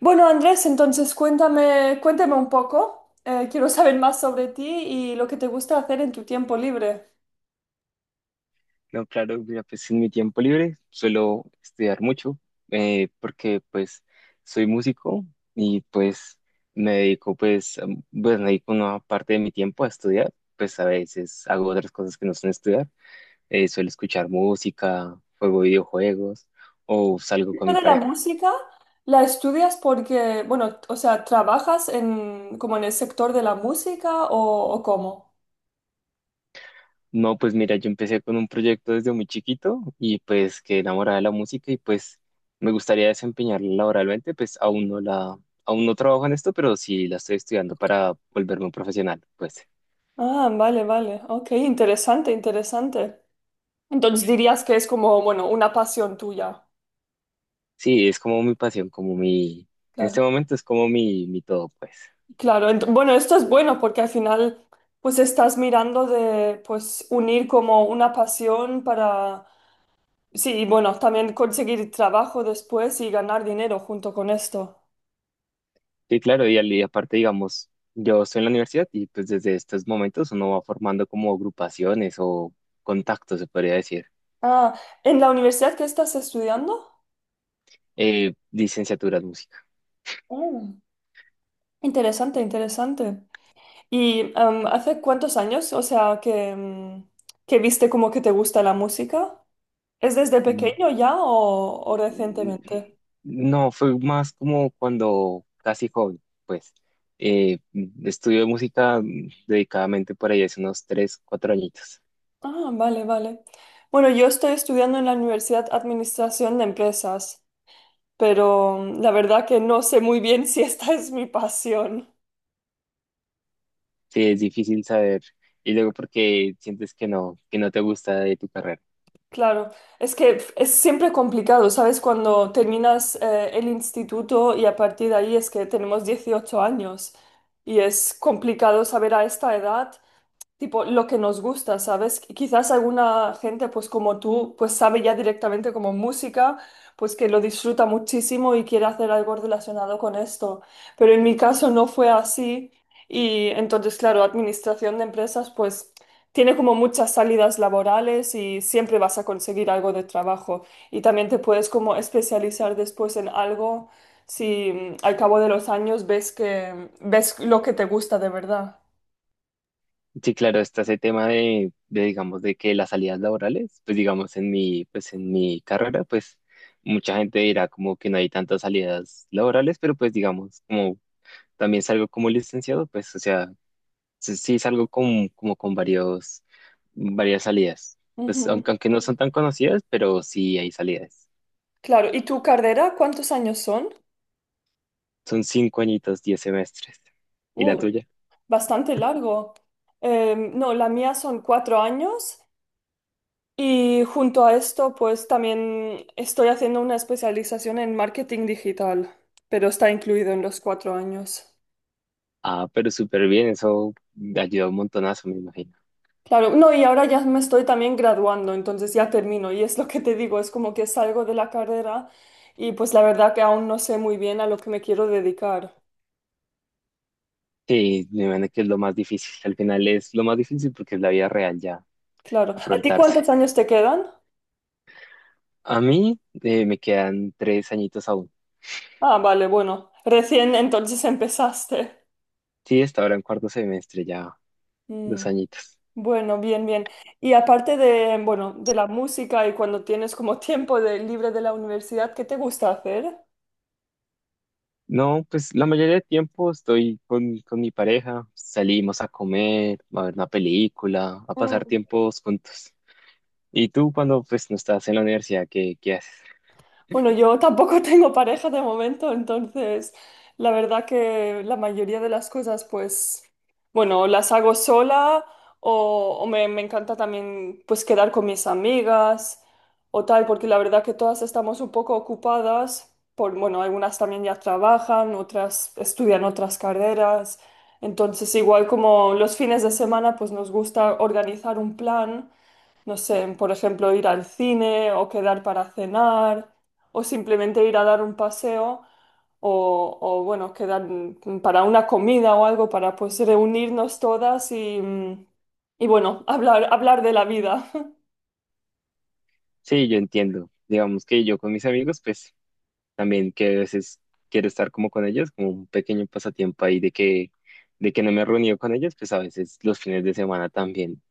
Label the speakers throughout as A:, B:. A: Bueno, Andrés, entonces cuéntame, cuéntame un poco. Quiero saber más sobre ti y lo que te gusta hacer en tu tiempo libre.
B: No, claro, mira, pues en mi tiempo libre suelo estudiar mucho, porque pues soy músico y pues me dedico pues me dedico una parte de mi tiempo a estudiar, pues a veces hago otras cosas que no son estudiar, suelo escuchar música, juego videojuegos o salgo con
A: Esto
B: mi
A: de la
B: pareja.
A: música, ¿la estudias porque, bueno, o sea, trabajas en como en el sector de la música o cómo?
B: No, pues mira, yo empecé con un proyecto desde muy chiquito y pues quedé enamorada de la música y pues me gustaría desempeñarla laboralmente, pues aún no trabajo en esto, pero sí la estoy estudiando para volverme un profesional, pues
A: Ah, vale, vale. Ok, interesante, interesante. Entonces dirías que es como, bueno, una pasión tuya.
B: sí, es como mi pasión, en este
A: Claro.
B: momento es como mi todo, pues.
A: Claro, bueno, esto es bueno porque al final pues estás mirando de pues unir como una pasión para. Sí, y bueno, también conseguir trabajo después y ganar dinero junto con esto.
B: Sí, claro, y aparte, digamos, yo estoy en la universidad y pues desde estos momentos uno va formando como agrupaciones o contactos, se podría decir,
A: Ah, ¿en la universidad que estás estudiando?
B: licenciaturas música.
A: Mm, interesante, interesante. ¿Y hace cuántos años, o sea, que viste como que te gusta la música? ¿Es desde pequeño ya o recientemente?
B: No, fue más como cuando casi joven, pues. Eh, Estudio música dedicadamente por ahí hace unos 3, 4 añitos.
A: Ah, vale, vale. Bueno, yo estoy estudiando en la Universidad Administración de Empresas, pero la verdad que no sé muy bien si esta es mi pasión.
B: Sí, es difícil saber. Y luego porque sientes que no te gusta de tu carrera.
A: Claro, es siempre complicado, ¿sabes? Cuando terminas el instituto y a partir de ahí es que tenemos 18 años y es complicado saber a esta edad tipo lo que nos gusta, ¿sabes? Quizás alguna gente, pues como tú, pues sabe ya directamente como música, pues que lo disfruta muchísimo y quiere hacer algo relacionado con esto. Pero en mi caso no fue así y entonces, claro, administración de empresas, pues tiene como muchas salidas laborales y siempre vas a conseguir algo de trabajo y también te puedes como especializar después en algo. Si al cabo de los años ves lo que te gusta de verdad.
B: Sí, claro, está ese tema de, digamos, de que las salidas laborales, pues digamos, pues en mi carrera, pues mucha gente dirá como que no hay tantas salidas laborales, pero pues digamos, como también salgo como licenciado, pues, o sea, sí, sí, salgo como con varios, varias salidas. Pues aunque no son tan conocidas, pero sí hay salidas.
A: Claro, ¿y tu carrera cuántos años son?
B: Son 5 añitos, 10 semestres. ¿Y la
A: Uh,
B: tuya?
A: Bastante largo. No, la mía son 4 años y junto a esto pues también estoy haciendo una especialización en marketing digital, pero está incluido en los 4 años.
B: Ah, pero súper bien, eso ayuda un montonazo, me imagino.
A: Claro, no, y ahora ya me estoy también graduando, entonces ya termino y es lo que te digo, es como que salgo de la carrera y pues la verdad que aún no sé muy bien a lo que me quiero dedicar.
B: Sí, me imagino que es lo más difícil. Al final es lo más difícil porque es la vida real ya,
A: Claro, ¿a ti
B: afrontarse.
A: cuántos años te quedan?
B: A mí me quedan 3 añitos aún.
A: Ah, vale, bueno. Recién entonces empezaste.
B: Sí, hasta ahora en cuarto semestre ya,
A: Mm.
B: 2 añitos.
A: Bueno, bien, bien. Y aparte de, bueno, de la música y cuando tienes como tiempo libre de la universidad, ¿qué te gusta hacer?
B: No, pues la mayoría de tiempo estoy con mi pareja, salimos a comer, a ver una película, a pasar tiempos juntos. Y tú cuando pues no estás en la universidad, ¿qué haces?
A: Bueno, yo tampoco tengo pareja de momento, entonces la verdad que la mayoría de las cosas, pues, bueno, las hago sola o me encanta también, pues, quedar con mis amigas o tal, porque la verdad que todas estamos un poco ocupadas, por, bueno, algunas también ya trabajan, otras estudian otras carreras, entonces igual como los fines de semana, pues nos gusta organizar un plan. No sé, por ejemplo, ir al cine o quedar para cenar o simplemente ir a dar un paseo o, bueno, quedar para una comida o algo para pues reunirnos todas y bueno, hablar, hablar de la vida.
B: Sí, yo entiendo. Digamos que yo con mis amigos, pues también que a veces quiero estar como con ellos, como un pequeño pasatiempo ahí de que no me he reunido con ellos, pues a veces los fines de semana también.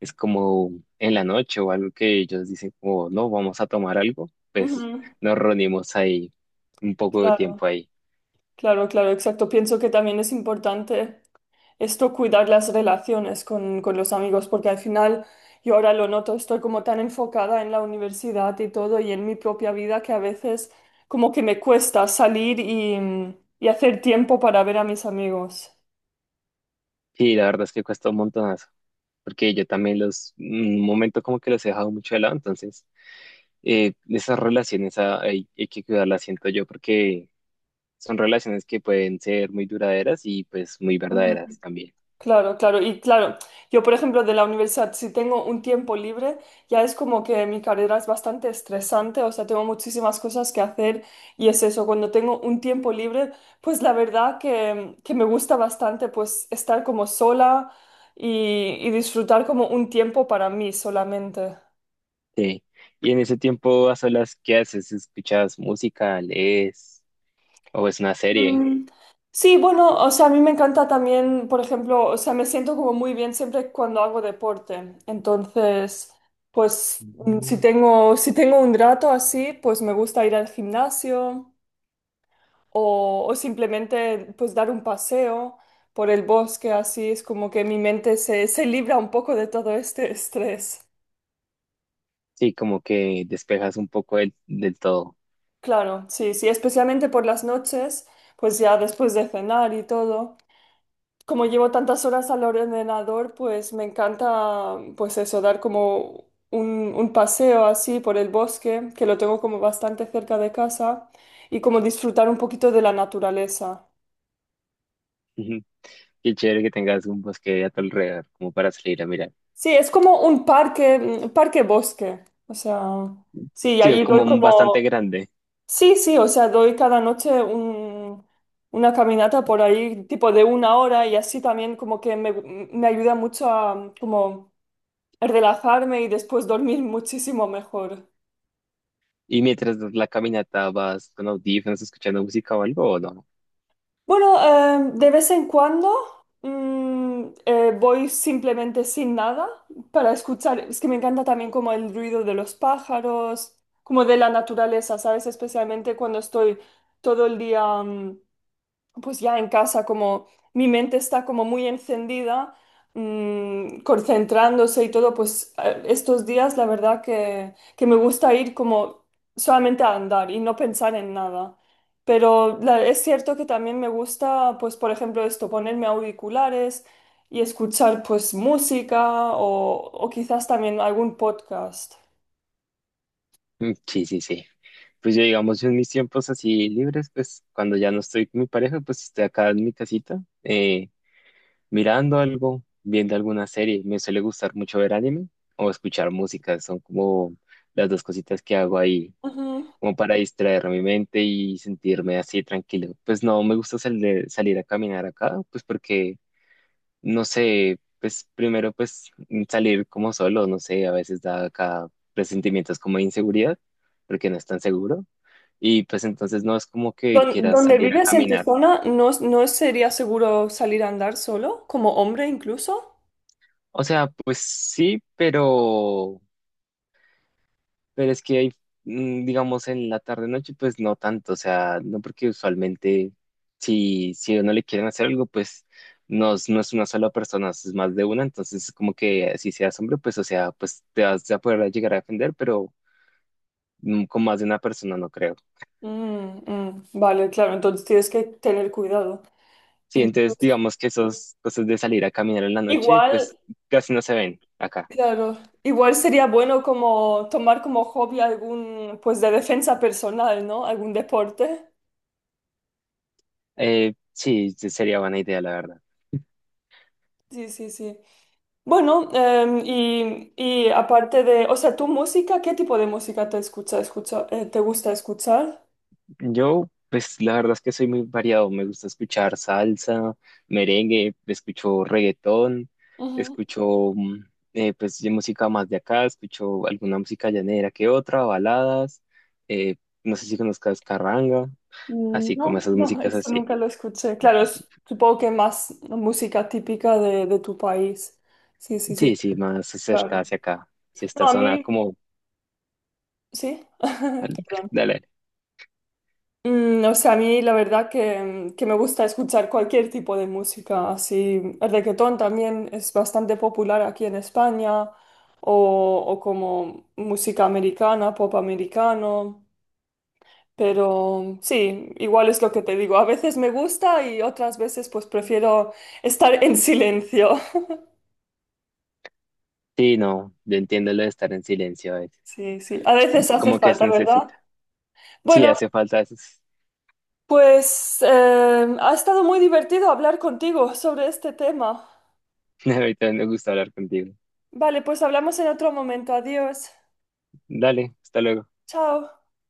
B: Es como en la noche o algo que ellos dicen como, no, vamos a tomar algo, pues
A: Ujú.
B: nos reunimos ahí un poco de
A: Claro,
B: tiempo ahí.
A: claro, claro, exacto. Pienso que también es importante esto cuidar las relaciones con los amigos, porque al final yo ahora lo noto, estoy como tan enfocada en la universidad y todo y en mi propia vida que a veces como que me cuesta salir y hacer tiempo para ver a mis amigos.
B: Y la verdad es que cuesta un montonazo, porque yo también un momento como que los he dejado mucho de lado, entonces esas relaciones hay que cuidarlas, siento yo, porque son relaciones que pueden ser muy duraderas y pues muy verdaderas también.
A: Claro, claro. Y claro, yo por ejemplo de la universidad, si tengo un tiempo libre, ya es como que mi carrera es bastante estresante, o sea, tengo muchísimas cosas que hacer y es eso, cuando tengo un tiempo libre, pues la verdad que me gusta bastante pues estar como sola y disfrutar como un tiempo para mí solamente.
B: Sí. Y en ese tiempo a solas, ¿qué haces? ¿Escuchas música, lees o ves una serie?
A: Mm, sí, bueno, o sea, a mí me encanta también, por ejemplo, o sea, me siento como muy bien siempre cuando hago deporte. Entonces, pues si tengo un rato así, pues me gusta ir al gimnasio o simplemente pues dar un paseo por el bosque, así es como que mi mente se libra un poco de todo este estrés.
B: Sí, como que despejas un poco del todo.
A: Claro, sí, sí, especialmente por las noches, pues ya después de cenar y todo. Como llevo tantas horas al ordenador, pues me encanta, pues eso, dar como un paseo así por el bosque, que lo tengo como bastante cerca de casa, y como disfrutar un poquito de la naturaleza.
B: Ujú. Qué chévere que tengas un bosque a tu alrededor, como para salir a mirar.
A: Sí, es como un parque, parque bosque. O sea, sí, y
B: Sí,
A: ahí
B: como
A: doy
B: un bastante
A: como,
B: grande.
A: sí, sí, o sea, doy cada noche una caminata por ahí, tipo de 1 hora, y así también como que me ayuda mucho a, como relajarme y después dormir muchísimo mejor.
B: Y mientras das la caminata, vas con audífonos, escuchando música o algo, ¿o no?
A: Bueno, de vez en cuando voy simplemente sin nada para escuchar. Es que me encanta también como el ruido de los pájaros, como de la naturaleza, ¿sabes? Especialmente cuando estoy todo el día pues ya en casa, como mi mente está como muy encendida, concentrándose y todo, pues estos días la verdad que me gusta ir como solamente a andar y no pensar en nada. Pero es cierto que también me gusta, pues por ejemplo esto, ponerme auriculares y escuchar pues música o quizás también algún podcast.
B: Mm, sí, sí, sí. Pues yo, digamos, en mis tiempos así libres, pues cuando ya no estoy con mi pareja, pues estoy acá en mi casita, mirando algo, viendo alguna serie. Me suele gustar mucho ver anime o escuchar música. Son como las dos cositas que hago ahí
A: Ujú.
B: como para distraer mi mente y sentirme así tranquilo. Pues no me gusta salir a caminar acá, pues porque, no sé, pues primero pues salir como solo, no sé, a veces da acá presentimientos como de inseguridad, porque no es tan seguro. Y pues entonces no es como que quieras
A: ¿Donde
B: salir a
A: vives en tu
B: caminar.
A: zona no sería seguro salir a andar solo, como hombre incluso?
B: O sea, pues sí, pero pero es que hay, digamos, en la tarde-noche, pues no tanto, o sea, no porque usualmente si a uno le quieren hacer algo, pues no, no es una sola persona, es más de una, entonces como que si seas hombre, pues o sea, pues te vas a poder llegar a defender, pero con más de una persona no creo.
A: Mm, mm, vale, claro, entonces tienes que tener cuidado.
B: Sí, entonces
A: Entonces,
B: digamos que esas cosas de salir a caminar en la noche,
A: igual,
B: pues casi no se ven acá.
A: claro, igual sería bueno como tomar como hobby algún, pues de defensa personal, ¿no? Algún deporte.
B: Sí, sí, sería buena idea, la verdad.
A: Sí, sí, sí. Bueno, y aparte de, o sea, tu música, ¿qué tipo de música te gusta escuchar?
B: Yo, pues la verdad es que soy muy variado. Me gusta escuchar salsa, merengue, escucho reggaetón,
A: Ujú.
B: escucho mm, pues de música más de acá, escucho alguna música llanera que otra, baladas, eh, no sé si conozcas carranga,
A: Mm,
B: así como
A: no,
B: esas
A: no,
B: músicas
A: eso
B: así.
A: nunca lo escuché. Claro, supongo que más música típica de tu país. Sí, sí, sí.
B: Sí, sí, más cerca
A: Claro.
B: hacia acá. Si
A: No,
B: esta
A: a
B: zona
A: mí.
B: como,
A: Sí, perdón.
B: dale.
A: Mm, o sea, a mí la verdad que me gusta escuchar cualquier tipo de música, así el reggaetón también es bastante popular aquí en España, o como música americana, pop americano, pero sí, igual es lo que te digo, a veces me gusta y otras veces pues prefiero estar en silencio.
B: Sí, no, yo entiendo lo de estar en silencio a veces.
A: Sí, sí, a veces hace
B: Como que se
A: falta, ¿verdad?
B: necesita. Sí,
A: Bueno,
B: hace falta eso.
A: pues ha estado muy divertido hablar contigo sobre este tema.
B: Ahorita me gusta hablar contigo.
A: Vale, pues hablamos en otro momento. Adiós.
B: Dale, hasta luego.
A: Chao.